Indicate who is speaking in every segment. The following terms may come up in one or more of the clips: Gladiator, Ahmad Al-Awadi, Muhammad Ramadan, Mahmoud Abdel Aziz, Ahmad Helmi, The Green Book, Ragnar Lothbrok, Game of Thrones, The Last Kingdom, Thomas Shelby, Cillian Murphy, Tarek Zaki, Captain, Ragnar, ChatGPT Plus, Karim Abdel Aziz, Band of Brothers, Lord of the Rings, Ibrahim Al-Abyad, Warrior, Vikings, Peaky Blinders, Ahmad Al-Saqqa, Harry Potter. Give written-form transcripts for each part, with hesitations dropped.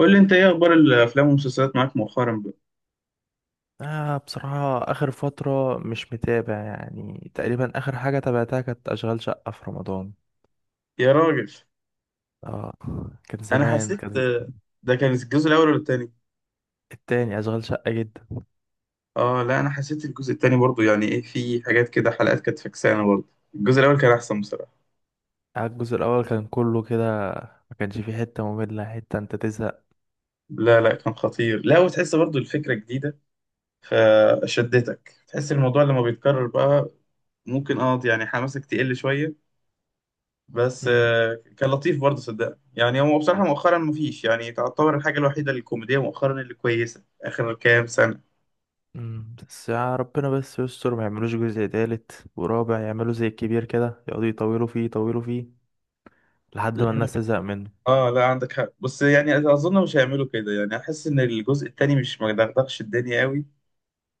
Speaker 1: قول لي انت ايه اخبار الافلام والمسلسلات معاك مؤخرا بقى؟
Speaker 2: بصراحة آخر فترة مش متابع، يعني تقريبا آخر حاجة تابعتها كانت أشغال شقة في رمضان.
Speaker 1: يا راجل،
Speaker 2: آه. كان
Speaker 1: انا
Speaker 2: زمان
Speaker 1: حسيت،
Speaker 2: كان ز-
Speaker 1: ده كان الجزء الاول ولا التاني؟
Speaker 2: التاني أشغال شقة جدا.
Speaker 1: اه، لا، انا حسيت الجزء التاني برضو، يعني ايه، في حاجات كده، حلقات كانت فكسانه برضو. الجزء الاول كان احسن بصراحه.
Speaker 2: آه، الجزء الأول كان كله كده، ما كانش فيه حتة مملة حتة أنت تزهق.
Speaker 1: لا، لا كان خطير، لا، وتحس برضو الفكره جديده فشدتك. تحس الموضوع لما بيتكرر بقى ممكن، يعني حماسك تقل شويه، بس
Speaker 2: أمم،
Speaker 1: كان لطيف برضه، صدقني. يعني هو بصراحه
Speaker 2: أنا-
Speaker 1: مؤخرا مفيش، يعني تعتبر الحاجه الوحيده الكوميديه مؤخرا اللي كويسه اخر كام سنه.
Speaker 2: أمم، بس يا ربنا بس يستر ما يعملوش جزء تالت ورابع، يعملوا زي الكبير كده يقعدوا يطولوا فيه يطولوا فيه لحد ما
Speaker 1: لا.
Speaker 2: الناس تزهق منه.
Speaker 1: اه، لا، عندك حق، بس يعني اظن مش هيعملوا كده، يعني احس ان الجزء التاني مش مدغدغش الدنيا قوي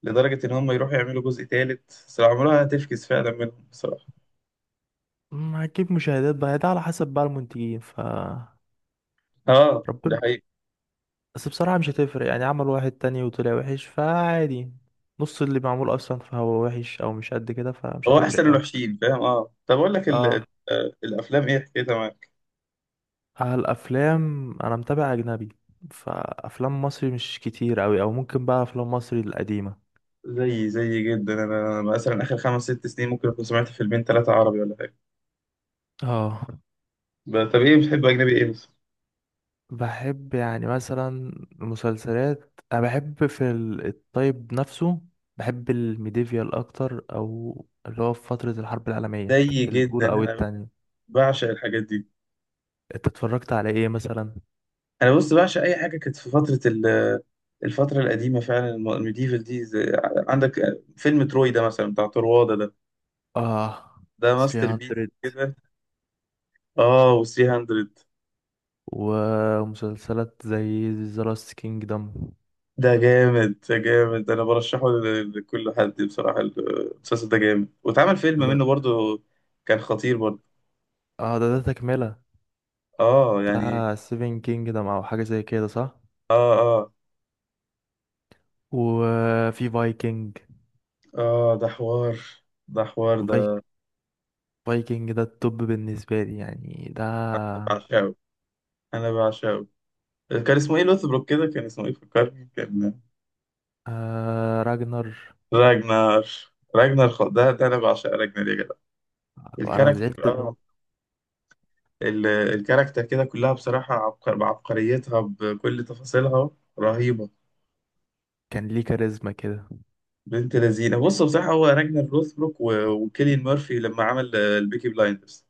Speaker 1: لدرجه ان هم يروحوا يعملوا جزء تالت. صراحه عمرها هتفكس فعلا منهم بصراحه.
Speaker 2: ما هتجيب مشاهدات بقى، ده على حسب بقى المنتجين ف
Speaker 1: اه، ده
Speaker 2: ربنا.
Speaker 1: حقيقي.
Speaker 2: بس بصراحة مش هتفرق، يعني عمل واحد تاني وطلع وحش فعادي. نص اللي معمول أصلا فهو وحش أو مش قد كده، فمش
Speaker 1: هو احسن
Speaker 2: هتفرق أوي.
Speaker 1: الوحشين فاهم. اه طب اقول لك
Speaker 2: اه.
Speaker 1: الافلام ايه حكايتها معاك؟
Speaker 2: على الأفلام أنا متابع أجنبي، فأفلام مصري مش كتير أوي، أو ممكن بقى أفلام مصري القديمة.
Speaker 1: زي جدا انا، مثلا اخر خمس ست سنين ممكن اكون سمعت فيلمين ثلاثه عربي ولا حاجه.
Speaker 2: اه.
Speaker 1: طب ايه بتحب؟ اجنبي ايه بس؟
Speaker 2: بحب يعني مثلا المسلسلات، أنا بحب في الطيب نفسه. بحب الميديفيال أكتر، أو اللي هو في فترة الحرب العالمية
Speaker 1: زي جدا
Speaker 2: الأولى أو
Speaker 1: انا،
Speaker 2: التانية.
Speaker 1: بعشق الحاجات دي.
Speaker 2: أنت اتفرجت على إيه مثلا؟
Speaker 1: انا بص، بعشق اي حاجه كانت في فتره الفتره القديمه فعلا، الميديفال دي، عندك فيلم تروي ده مثلا بتاع طروادة ده،
Speaker 2: اه.
Speaker 1: ده ماستر بيس
Speaker 2: 300
Speaker 1: كده. اه، و 300
Speaker 2: ومسلسلات زي ذا لاست كينجدم.
Speaker 1: ده جامد، ده جامد. انا برشحه لكل حد بصراحه، المسلسل ده جامد، واتعمل فيلم
Speaker 2: ده
Speaker 1: منه برضو، كان خطير برضو.
Speaker 2: اه، ده ده تكملة
Speaker 1: اه يعني.
Speaker 2: بتاع سيفن كينجدم او حاجة زي كده صح.
Speaker 1: اه اه
Speaker 2: وفي فايكنج.
Speaker 1: اه ده حوار، ده حوار ده.
Speaker 2: فايك فايكنج ده التوب بالنسبة لي، يعني ده.
Speaker 1: بعشقه، انا بعشقه. كان اسمه ايه؟ لوثبروك كده، كان اسمه ايه؟ فكرني. كان
Speaker 2: آه راجنر.
Speaker 1: راجنر، راجنر، ده انا بعشق راجنر يا جدع.
Speaker 2: انا
Speaker 1: الكاركتر،
Speaker 2: زعلت ان هو
Speaker 1: الكاركتر كده كلها بصراحة عبقر، بعبقريتها بكل تفاصيلها، رهيبة.
Speaker 2: كان ليه كاريزما كده.
Speaker 1: بنت لذينة. بص بصراحة، هو راجنر روثبروك وكيليان مورفي لما عمل البيكي بلايندرز،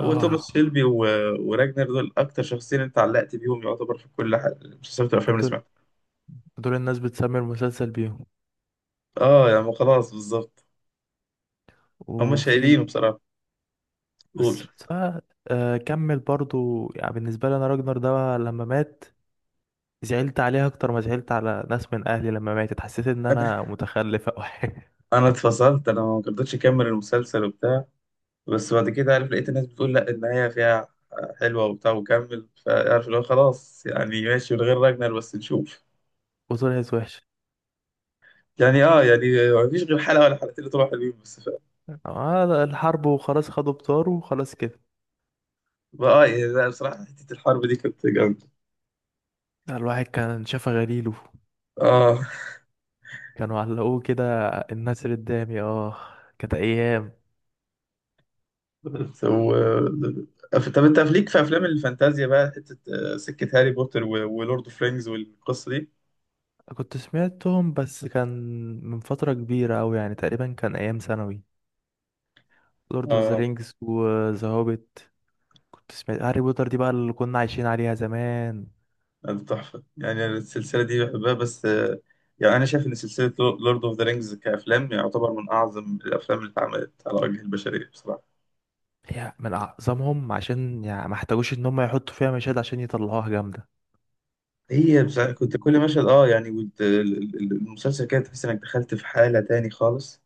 Speaker 1: هو توماس شيلبي وراجنر، دول أكتر شخصين أنت علقت بيهم، يعتبر في كل حاجة، مسلسلات الأفلام اللي
Speaker 2: دول
Speaker 1: سمعتها.
Speaker 2: دول الناس بتسمي المسلسل بيهم.
Speaker 1: اه يعني خلاص، بالظبط. هما
Speaker 2: وفي
Speaker 1: شايلين بصراحة. قول.
Speaker 2: آه. آه، كمل برضو. يعني بالنسبة لي انا راجنر ده لما مات، زعلت عليها اكتر ما زعلت على ناس من اهلي، لما ماتت حسيت ان
Speaker 1: أنا
Speaker 2: انا متخلف او حاجه.
Speaker 1: أنا اتفصلت، أنا ما قدرتش أكمل المسلسل وبتاع. بس بعد كده، عارف، لقيت الناس بتقول لا النهاية فيها حلوة وبتاع، وكمل. فعارف اللي هو خلاص، يعني ماشي من غير راجنر، بس نشوف.
Speaker 2: وطلعت وحشه.
Speaker 1: يعني، يعني ما فيش غير حلقة ولا حلقتين اللي طلعوا حلوين، بس ف...
Speaker 2: آه، الحرب وخلاص، خدوا بطاره وخلاص كده.
Speaker 1: اه يعني، لا بصراحة حتة الحرب دي كانت جامدة.
Speaker 2: الواحد كان شافه غليله،
Speaker 1: اه.
Speaker 2: كانوا علقوه كده الناس اللي قدامي. اه، كانت ايام.
Speaker 1: سو طب انت ليك في افلام الفانتازيا بقى حتة؟ سكة هاري بوتر ولورد اوف رينجز والقصة دي.
Speaker 2: كنت سمعتهم بس كان من فتره كبيره اوي، يعني تقريبا كان ايام ثانوي. لورد اوف ذا
Speaker 1: آه.
Speaker 2: رينجز وذا هوبيت. كنت سمعت هاري بوتر دي بقى، اللي كنا عايشين عليها زمان.
Speaker 1: ده تحفة، يعني أنا السلسلة دي بحبها بس، يعني أنا شايف إن سلسلة لورد أوف ذا رينجز كأفلام يعتبر من أعظم الأفلام اللي اتعملت على وجه البشرية بصراحة.
Speaker 2: هي من أعظمهم، عشان يعني ما احتاجوش إن هم يحطوا فيها مشاهد عشان يطلعوها جامدة.
Speaker 1: هي بس كنت كل مشهد، يعني، المسلسل كده تحس إنك دخلت في حالة تاني خالص.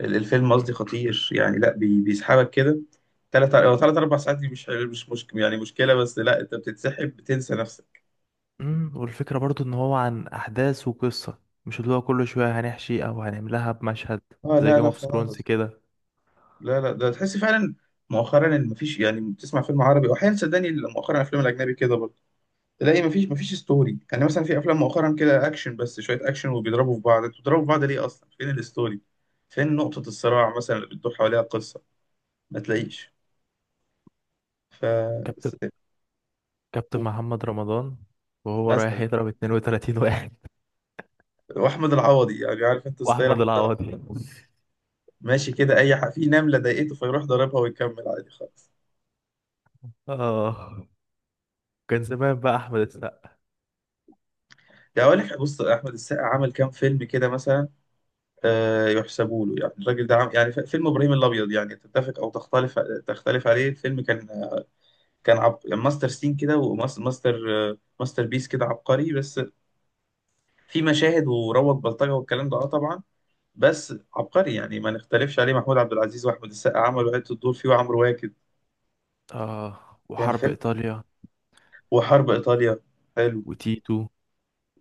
Speaker 1: الفيلم قصدي خطير يعني، لأ بيسحبك كده. تلات أو تلات أربع ساعات دي مش مشكلة، يعني مشكلة بس لأ، أنت بتتسحب، بتنسى نفسك.
Speaker 2: أمم، والفكرة برضو إن هو عن أحداث وقصة، مش اللي هو كل شوية هنحشي أو هنعملها بمشهد
Speaker 1: أه
Speaker 2: زي
Speaker 1: لا،
Speaker 2: جيم
Speaker 1: لا
Speaker 2: اوف ثرونز
Speaker 1: خالص.
Speaker 2: كده.
Speaker 1: لا لا، ده تحس فعلا مؤخرا ان مفيش، يعني بتسمع فيلم عربي، واحيانا صدقني مؤخرا الافلام الاجنبي كده تلاقي مفيش ستوري. يعني مثلا في افلام مؤخرا كده اكشن، بس شويه اكشن وبيضربوا في بعض. انتوا بتضربوا في بعض ليه اصلا؟ فين الستوري؟ فين نقطه الصراع مثلا اللي بتدور حواليها القصه؟ ما تلاقيش. ف
Speaker 2: كابتن
Speaker 1: س-
Speaker 2: كابتن
Speaker 1: و-
Speaker 2: محمد رمضان وهو رايح
Speaker 1: مثلا
Speaker 2: يضرب 32 واحد.
Speaker 1: واحمد العوضي، يعني عارف انت ستايل
Speaker 2: وأحمد
Speaker 1: احمد العوضي،
Speaker 2: العوضي.
Speaker 1: ماشي كده، اي حق في نمله ضايقته فيروح ضاربها ويكمل عادي خالص.
Speaker 2: آه، كان زمان بقى أحمد السقا.
Speaker 1: يعني اقول لك، بص، احمد السقا عمل كام فيلم كده مثلا، آه يحسبوا له. يعني الراجل ده يعني، فيلم ابراهيم الابيض، يعني تتفق او تختلف، تختلف عليه، الفيلم كان، كان يعني ماستر سين كده، وماستر بيس كده، عبقري. بس في مشاهد وروض بلطجة والكلام ده، اه طبعا. بس عبقري يعني، ما نختلفش عليه. محمود عبد العزيز واحمد السقا عملوا عدة دور فيه، وعمرو واكد،
Speaker 2: آه،
Speaker 1: كان
Speaker 2: وحرب
Speaker 1: فيلم،
Speaker 2: إيطاليا
Speaker 1: وحرب ايطاليا حلو،
Speaker 2: وتيتو.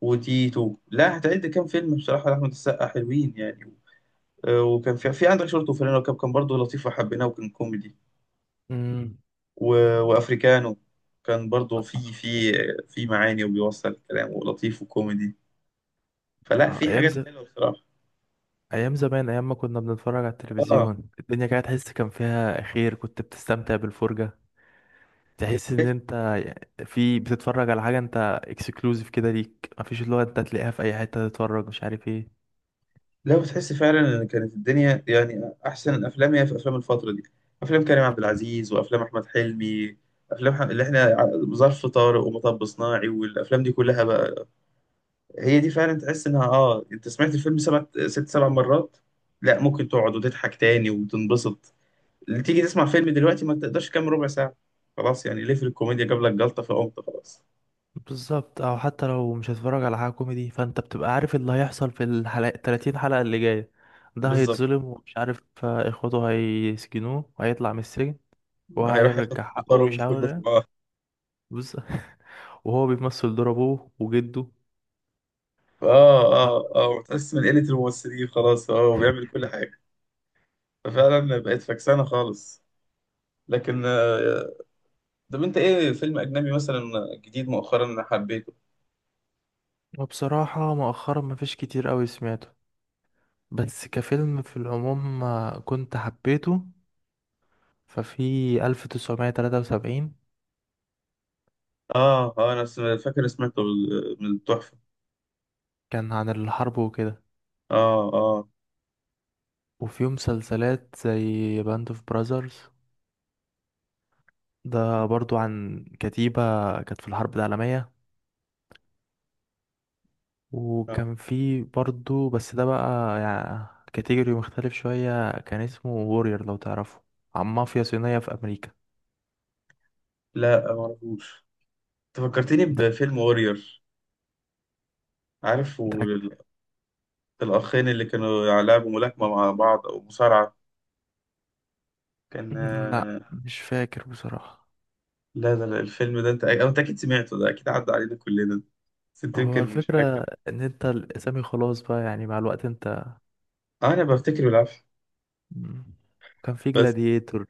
Speaker 1: وتيتو. لا، هتعد كام فيلم بصراحة لأحمد السقا حلوين. يعني وكان في عندك شورت وفانلة وكاب، كان برضه لطيف وحبيناه وكان كوميدي.
Speaker 2: أمم،
Speaker 1: و... وافريكانو كان برضه، في معاني وبيوصل الكلام، ولطيف وكوميدي. فلا،
Speaker 2: آه
Speaker 1: في
Speaker 2: أيام.
Speaker 1: حاجات حلوة بصراحة.
Speaker 2: ايام زمان، ايام ما كنا بنتفرج على
Speaker 1: اه،
Speaker 2: التلفزيون، الدنيا كانت تحس كان فيها خير، كنت بتستمتع بالفرجة. تحس ان انت في بتتفرج على حاجة انت اكسكلوزيف كده ليك، مفيش اللي هو انت تلاقيها في اي حتة تتفرج مش عارف ايه.
Speaker 1: لا بتحس فعلا ان كانت الدنيا، يعني احسن الافلام هي في افلام الفتره دي، افلام كريم عبد العزيز وافلام احمد حلمي، افلام اللي احنا ظرف طارق، ومطب صناعي، والافلام دي كلها بقى، هي دي فعلا. تحس انها، انت سمعت الفيلم سبع ست سبع مرات، لا ممكن تقعد وتضحك تاني وتنبسط. اللي تيجي تسمع فيلم دلوقتي ما تقدرش كام ربع ساعه، خلاص يعني، ليه؟ في الكوميديا جاب لك جلطه فقمت، خلاص.
Speaker 2: بالظبط. او حتى لو مش هتتفرج على حاجة كوميدي، فانت بتبقى عارف اللي هيحصل في الحلقة 30 حلقة اللي جاية. ده
Speaker 1: بالظبط.
Speaker 2: هيتظلم ومش عارف، اخوته هيسجنوه وهيطلع من السجن
Speaker 1: هيروح ياخد
Speaker 2: وهيرجع حقه
Speaker 1: بطاره من
Speaker 2: مش عارف
Speaker 1: كله.
Speaker 2: إيه. بص. وهو بيمثل دور ابوه وجده.
Speaker 1: اه وتحس من قلة الممثلين خلاص، اه، وبيعمل كل حاجة. ففعلا بقت فكسانة خالص. لكن، طب انت ايه فيلم اجنبي مثلا جديد مؤخرا انا حبيته؟
Speaker 2: وبصراحة مؤخرا مفيش كتير قوي سمعته، بس كفيلم في العموم آه، كنت حبيته. ففي 1973،
Speaker 1: اه انا فاكر سمعته من التحفة.
Speaker 2: كان عن الحرب وكده.
Speaker 1: اه اه
Speaker 2: وفي مسلسلات زي باند اوف براذرز، ده برضو عن كتيبة كانت في الحرب العالمية.
Speaker 1: آه.
Speaker 2: وكان في برضو، بس ده بقى يعني كاتيجوري مختلف شوية، كان اسمه وورير لو تعرفه، عن مافيا صينية في أمريكا.
Speaker 1: لا، ما اعرفوش. فكرتني
Speaker 2: ده
Speaker 1: بفيلم وورير، عارف؟
Speaker 2: ده.
Speaker 1: الاخين اللي كانوا لعبوا ملاكمة مع بعض او مصارعة، كان
Speaker 2: لا مش فاكر بصراحة.
Speaker 1: لا لا لا، الفيلم ده، انت، أو انت اكيد سمعته، ده اكيد عدى علينا كلنا، بس انت
Speaker 2: هو
Speaker 1: يمكن مش
Speaker 2: الفكرة
Speaker 1: فاكر.
Speaker 2: ان انت الاسامي خلاص بقى يعني مع الوقت انت.
Speaker 1: انا بفتكر بالعافيه،
Speaker 2: مم. كان في
Speaker 1: بس.
Speaker 2: جلاديتور.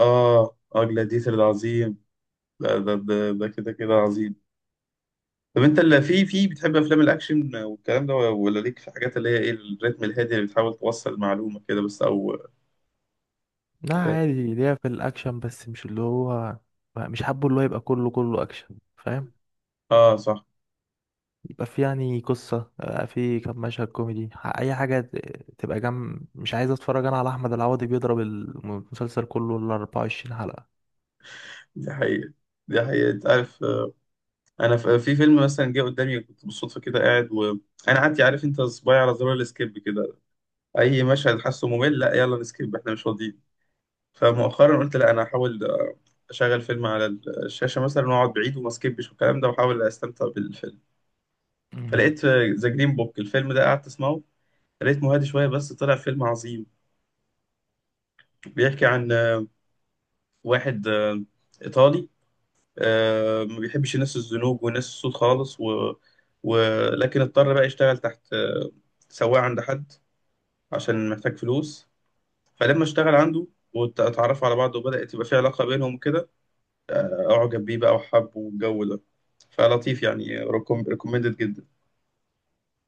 Speaker 1: اه جلاديتر ده عظيم. لا، ده ده ده كده كده عظيم. طب انت اللي في بتحب افلام الاكشن والكلام ده، ولا ليك في حاجات اللي هي ايه الريتم الهادي اللي بتحاول توصل معلومه كده بس، او؟
Speaker 2: لا عادي، ليها في الاكشن، بس مش اللي هو مش حابه اللي هو يبقى كله كله اكشن، فاهم؟
Speaker 1: اه صح.
Speaker 2: يبقى في يعني قصة، آه، في كام مشهد كوميدي اي حاجة تبقى جنب. مش عايز اتفرج انا على احمد العوضي بيضرب المسلسل كله ال 24 حلقة.
Speaker 1: دي حقيقه، دي حقيقه. انت عارف، انا في فيلم مثلا جه قدامي، كنت بالصدفه كده قاعد وانا قعدت، عارف انت صباعي على زرار السكيب كده، اي مشهد حاسه ممل، لا، يلا نسكيب، احنا مش فاضيين. فمؤخرا قلت، لا انا هحاول، اشغل فيلم على الشاشه مثلا، واقعد بعيد وما سكيبش والكلام ده، واحاول استمتع بالفيلم.
Speaker 2: مم.
Speaker 1: فلقيت ذا جرين بوك، الفيلم ده قعدت اسمعه، لقيت هادي شويه، بس طلع فيلم عظيم. بيحكي عن، واحد، ايطالي، ما بيحبش الناس الزنوج والناس السود خالص، و... ولكن اضطر بقى يشتغل تحت، سواق عند حد عشان محتاج فلوس. فلما اشتغل عنده واتعرفوا على بعض، وبدأت تبقى في علاقة بينهم وكده، أعجب بيه بقى وحبه والجو ده. فلطيف يعني، ريكومندد جدا.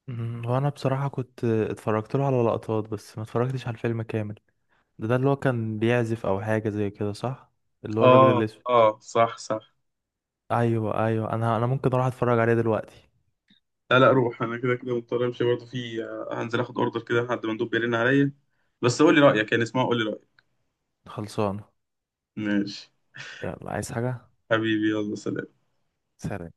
Speaker 2: وانا بصراحة كنت اتفرجت له على لقطات، بس ما اتفرجتش على الفيلم كامل. ده اللي هو كان بيعزف او حاجه زي كده صح؟ اللي هو الراجل
Speaker 1: اه
Speaker 2: الاسود.
Speaker 1: اه صح، صح.
Speaker 2: ايوه ايوه، انا ممكن اروح اتفرج عليه دلوقتي.
Speaker 1: لا لا، روح، انا كده كده مضطر امشي برضه، في هنزل اخد اوردر كده لحد ما مندوب بيرن عليا. بس قول لي رايك، يعني اسمع قول لي رايك.
Speaker 2: خلصانه.
Speaker 1: ماشي.
Speaker 2: يلا، عايز حاجه؟
Speaker 1: حبيبي يلا سلام.
Speaker 2: سلام.